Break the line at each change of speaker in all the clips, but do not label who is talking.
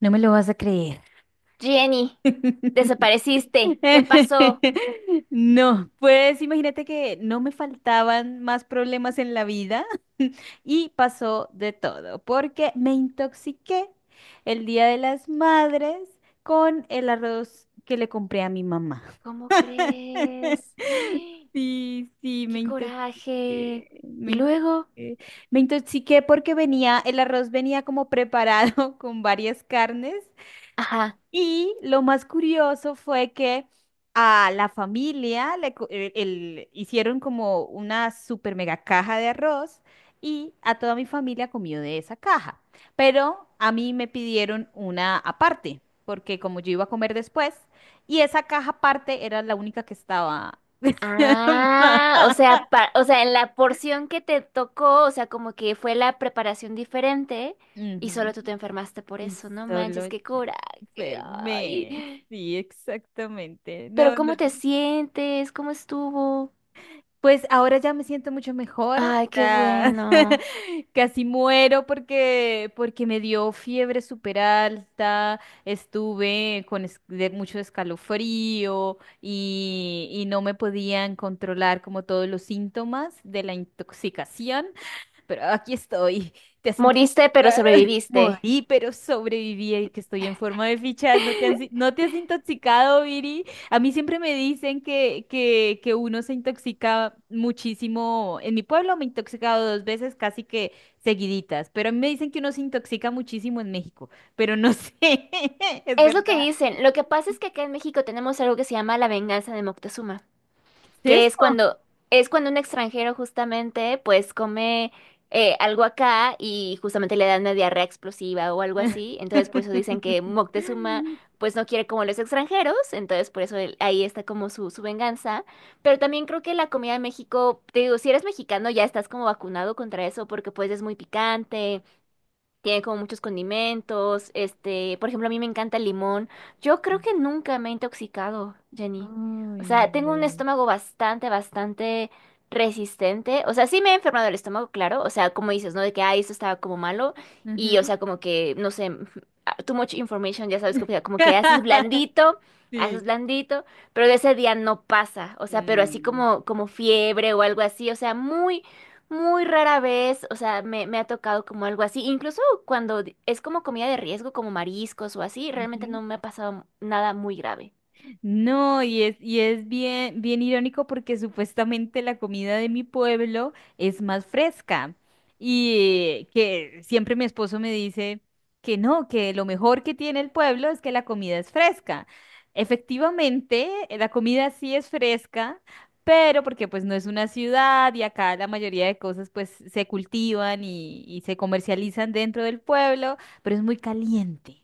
No me lo vas a creer.
Jenny, desapareciste. ¿Qué pasó?
No, pues imagínate que no me faltaban más problemas en la vida y pasó de todo, porque me intoxiqué el Día de las Madres con el arroz que le compré a mi mamá.
¿Cómo crees? ¡Eh!
Sí, sí, me
¡Qué
intoxiqué,
coraje!
me
Y
intoxiqué.
luego,
Me intoxiqué porque el arroz venía como preparado con varias carnes.
ajá.
Y lo más curioso fue que a la familia le co- el- hicieron como una super mega caja de arroz y a toda mi familia comió de esa caja. Pero a mí me pidieron una aparte, porque como yo iba a comer después, y esa caja aparte era la única que estaba.
Ah, o sea, o sea, en la porción que te tocó, o sea, como que fue la preparación diferente y solo
Ujú.
tú te enfermaste por
Y
eso. No
solo
manches, qué
yo.
coraje.
Fermé.
Ay.
Sí, exactamente.
Pero
No, no.
¿cómo te sientes? ¿Cómo estuvo?
Pues ahora ya me siento mucho mejor,
Ay, qué
ya.
bueno.
Casi muero porque me dio fiebre súper alta, estuve con de mucho escalofrío y no me podían controlar como todos los síntomas de la intoxicación, pero aquí estoy. ¿Te has...?
Moriste, pero sobreviviste.
Morí, pero sobreviví y que estoy en forma de fichas. ¿No te has, no te has intoxicado, Viri? A mí siempre me dicen que uno se intoxica muchísimo. En mi pueblo me he intoxicado dos veces casi que seguiditas, pero a mí me dicen que uno se intoxica muchísimo en México, pero no sé, ¿es
Es lo que
verdad?
dicen. Lo que pasa es que acá en México tenemos algo que se llama la venganza de Moctezuma,
¿Qué es
que
eso?
es cuando un extranjero justamente pues come algo acá y justamente le dan una diarrea explosiva o algo así. Entonces por eso dicen que Moctezuma pues no quiere como los extranjeros, entonces por eso ahí está como su venganza. Pero también creo que la comida de México, te digo, si eres mexicano ya estás como vacunado contra eso porque pues es muy picante. Tiene como muchos condimentos, este, por ejemplo, a mí me encanta el limón. Yo creo que nunca me he intoxicado, Jenny. O
Ay,
sea, tengo un
no.
estómago bastante resistente. O sea, sí me he enfermado el estómago, claro. O sea, como dices, ¿no? De que, ay, esto estaba como malo. Y, o
Ujú.
sea, como que, no sé, ah, too much information, ya sabes, como que haces
Sí.
blandito, pero de ese día no pasa. O sea, pero así
Mm.
como, como fiebre o algo así. O sea, muy. Muy rara vez, o sea, me ha tocado como algo así. Incluso cuando es como comida de riesgo, como mariscos o así, realmente
Ujú.
no me ha pasado nada muy grave.
No, y es bien, bien irónico porque supuestamente la comida de mi pueblo es más fresca. Y que siempre mi esposo me dice que no, que lo mejor que tiene el pueblo es que la comida es fresca. Efectivamente, la comida sí es fresca, pero porque pues no es una ciudad y acá la mayoría de cosas pues se cultivan y se comercializan dentro del pueblo, pero es muy caliente.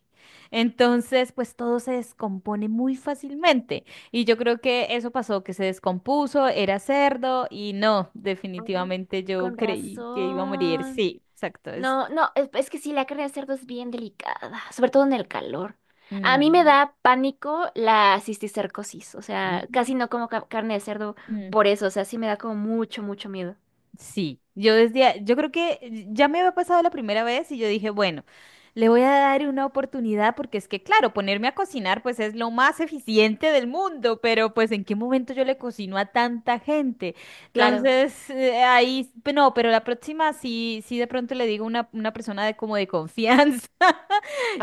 Entonces, pues todo se descompone muy fácilmente. Y yo creo que eso pasó, que se descompuso, era cerdo y no,
Ah,
definitivamente yo
con
creí que iba a morir.
razón.
Sí, exacto. Es...
No, no, es que sí, la carne de cerdo es bien delicada, sobre todo en el calor. A mí me
Ujú.
da pánico la cisticercosis, o sea, casi no como carne de cerdo
Ujú.
por eso, o sea, sí me da como mucho miedo.
Sí, yo creo que ya me había pasado la primera vez y yo dije, bueno, le voy a dar una oportunidad porque es que, claro, ponerme a cocinar pues es lo más eficiente del mundo, pero pues ¿en qué momento yo le cocino a tanta gente?
Claro.
Entonces, no, pero la próxima sí, sí de pronto le digo a una persona de como de confianza.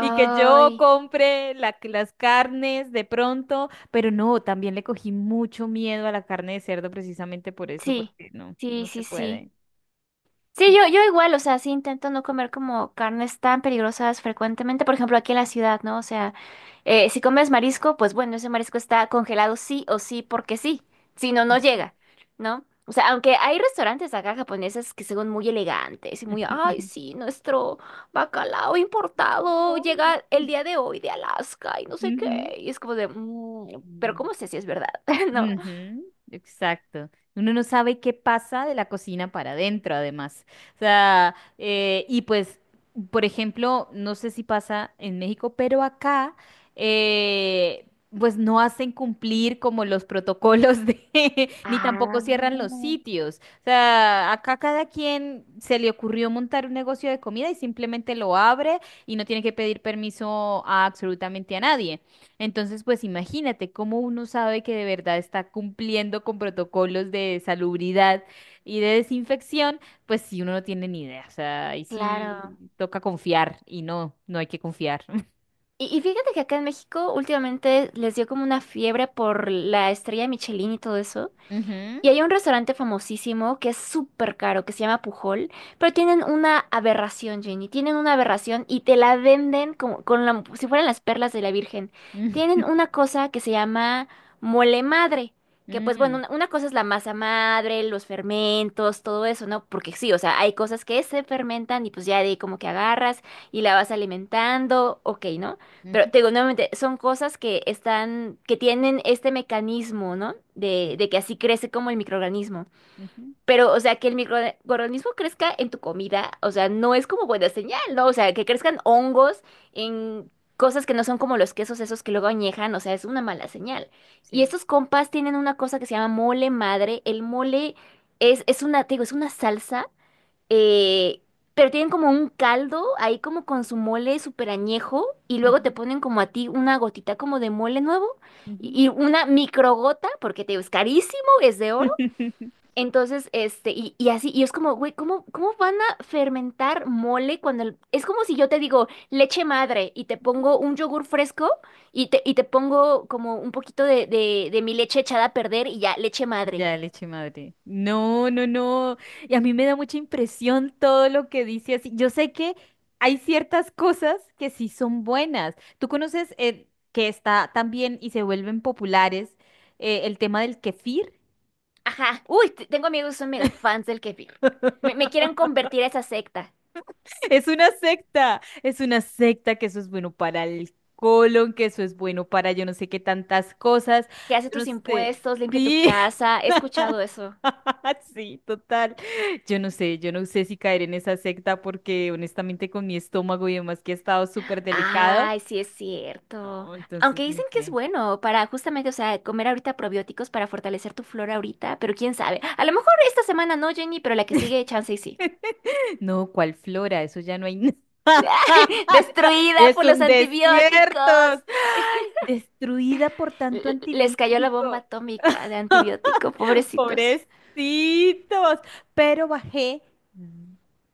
Y que yo compre las carnes de pronto, pero no, también le cogí mucho miedo a la carne de cerdo precisamente por eso,
sí,
porque no,
sí,
no se
sí, sí.
puede.
Sí, yo igual, o sea, sí intento no comer como carnes tan peligrosas frecuentemente, por ejemplo, aquí en la ciudad, ¿no? O sea, si comes marisco, pues bueno, ese marisco está congelado sí o sí porque sí, si no, no llega, ¿no? O sea, aunque hay restaurantes acá japoneses que son muy elegantes y muy, ay, sí, nuestro bacalao importado
No.
llega el día de hoy de Alaska y no sé qué, y es como de, "Mm, pero
Ujú.
¿cómo sé si es verdad? ¿No?
Ujú, exacto. Uno no sabe qué pasa de la cocina para adentro, además. O sea, y pues, por ejemplo, no sé si pasa en México, pero acá, eh, pues no hacen cumplir como los protocolos de, ni tampoco
Ah,
cierran los sitios. O sea, acá cada quien se le ocurrió montar un negocio de comida y simplemente lo abre y no tiene que pedir permiso a absolutamente a nadie. Entonces, pues imagínate cómo uno sabe que de verdad está cumpliendo con protocolos de salubridad y de desinfección, pues si uno no tiene ni idea. O sea, ahí
claro.
sí toca confiar y no, no hay que confiar.
Y fíjate que acá en México últimamente les dio como una fiebre por la estrella Michelin y todo eso.
Ujú.
Y hay un restaurante famosísimo que es súper caro, que se llama Pujol, pero tienen una aberración, Jenny. Tienen una aberración y te la venden como con si fueran las perlas de la Virgen.
Mm.
Tienen una cosa que se llama mole madre, que pues bueno,
Mm.
una cosa es la masa madre, los fermentos, todo eso, ¿no? Porque sí, o sea, hay cosas que se fermentan y pues ya de ahí como que agarras y la vas alimentando, ok, ¿no? Pero
Ujú.
te digo nuevamente, son cosas que están, que tienen este mecanismo, ¿no? De,
Sí.
de que así crece como el microorganismo.
Ujú.
Pero, o sea, que el microorganismo crezca en tu comida, o sea, no es como buena señal, ¿no? O sea, que crezcan hongos en cosas que no son como los quesos esos que luego añejan, o sea, es una mala señal. Y
Sí.
estos compas tienen una cosa que se llama mole madre. El mole es una, te digo, es una salsa eh, pero tienen como un caldo ahí como con su mole súper añejo y
Ujú,
luego te ponen como a ti una gotita como de mole nuevo
ujú.
y una microgota, porque te digo, es carísimo, es de oro.
No.
Entonces, este, y así, y es como, güey, ¿cómo van a fermentar mole cuando es como si yo te digo leche madre y te pongo un yogur fresco y te pongo como un poquito de, de mi leche echada a perder y ya, leche madre.
Ya, leche madre. No, no, no. Y a mí me da mucha impresión todo lo que dice así. Yo sé que hay ciertas cosas que sí son buenas. Tú conoces que está también y se vuelven populares, el tema del kefir.
Ajá. Uy, tengo amigos que son mega fans del kefir. Me quieren convertir a esa secta
Es una secta que eso es bueno para el colon, que eso es bueno para yo no sé qué tantas cosas.
que hace
Yo no
tus
sé.
impuestos, limpia tu
Sí.
casa. He escuchado eso.
Sí, total. Yo no sé si caer en esa secta porque honestamente con mi estómago y demás que ha estado súper delicado.
Ay, sí es cierto.
No, entonces
Aunque
no
dicen que es
sé.
bueno para justamente, o sea, comer ahorita probióticos para fortalecer tu flora ahorita, pero quién sabe. A lo mejor esta semana no, Jenny, pero la que sigue, chance y sí.
No, ¿cuál flora? Eso ya no hay nada.
Destruida
Es
por los
un desierto.
antibióticos.
Destruida por tanto
Les cayó la bomba
antibiótico.
atómica de antibiótico, pobrecitos.
Pobrecitos. Pero bajé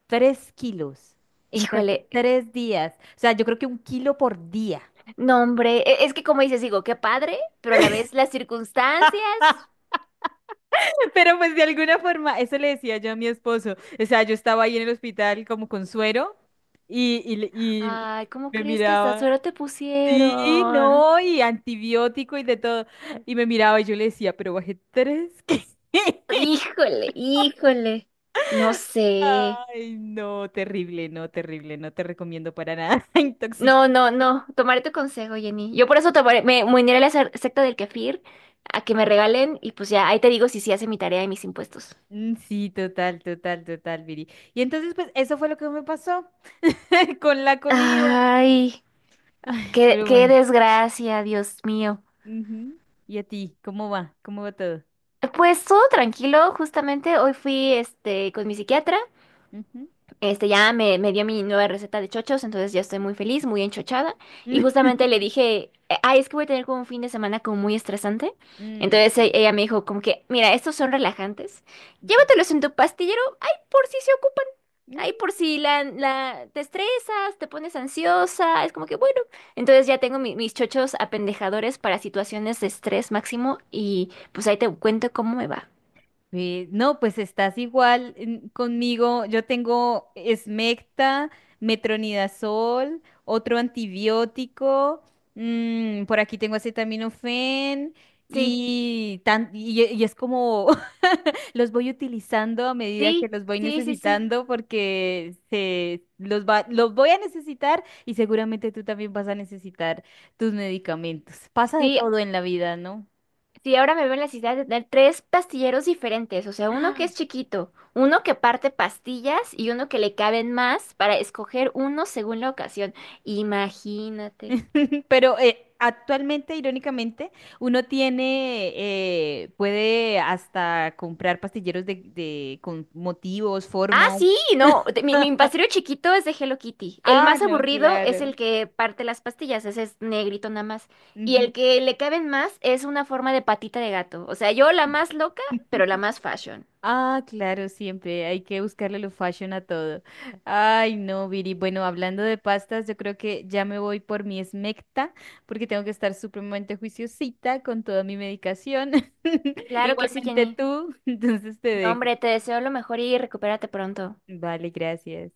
3 kilos en casi
Híjole.
3 días. O sea, yo creo que un kilo por día.
No, hombre, es que como dices, digo, qué padre, pero a la vez las circunstancias.
Pero pues de alguna forma, eso le decía yo a mi esposo. O sea, yo estaba ahí en el hospital como con suero y
Ay, ¿cómo
me
crees que hasta
miraba.
suero te
Sí,
pusieron?
no, y antibiótico y de todo. Y me miraba y yo le decía, "Pero bajé 3 kilos".
Híjole, híjole. No sé.
Ay, no, terrible, no, terrible, no te recomiendo para nada. Intoxic.
No, no, no. Tomaré tu consejo, Jenny. Yo por eso tomaré, me uniré a la secta del kefir a que me regalen y pues ya, ahí te digo si sí hace mi tarea y mis impuestos.
Mm. Sí, total, total, total, Viri. Y entonces, pues, eso fue lo que me pasó con la comida.
Ay,
Ay,
qué,
pero
qué
bueno.
desgracia, Dios mío.
Ujú. ¿Y a ti? ¿Cómo va? ¿Cómo va todo?
Pues todo tranquilo, justamente hoy fui este con mi psiquiatra.
Ujú.
Este ya me dio mi nueva receta de chochos, entonces ya estoy muy feliz, muy enchochada. Y justamente le dije, ay, es que voy a tener como un fin de semana como muy estresante.
Mm,
Entonces
sí.
ella me dijo como que, mira, estos son relajantes.
Ok.
Llévatelos en tu pastillero, ay, por si se ocupan. Ay,
Mm.
por si te estresas, te pones ansiosa, es como que bueno. Entonces ya tengo mis chochos apendejadores para situaciones de estrés máximo y pues ahí te cuento cómo me va.
Ve, no, pues estás igual conmigo. Yo tengo Smecta, metronidazol, otro antibiótico. Mm, por aquí tengo acetaminofén
Sí,
y es como los voy utilizando a medida que
sí,
los voy
sí, sí, sí.
necesitando porque los voy a necesitar y seguramente tú también vas a necesitar tus medicamentos. Pasa de
Sí,
todo en la vida, ¿no?
sí, ahora me veo en la necesidad de tener tres pastilleros diferentes, o sea, uno que es chiquito, uno que parte pastillas y uno que le caben más para escoger uno según la ocasión. Imagínate.
Pero actualmente, irónicamente, uno tiene, puede hasta comprar pastilleros con motivos,
Ah,
formas.
sí, no, mi, mi pastillero chiquito es de Hello Kitty. El
Ah,
más
no,
aburrido es
claro.
el que parte las pastillas, ese es negrito nada más. Y
Ujú.
el que le caben más es una forma de patita de gato. O sea, yo la más loca, pero la más fashion.
Ah, claro, siempre hay que buscarle lo fashion a todo. Ay, no, Viri. Bueno, hablando de pastas, yo creo que ya me voy por mi esmecta porque tengo que estar supremamente juiciosita con toda mi medicación.
Claro que sí,
Igualmente
Jenny.
tú, entonces te
No,
dejo.
hombre, te deseo lo mejor y recupérate pronto.
Vale, gracias.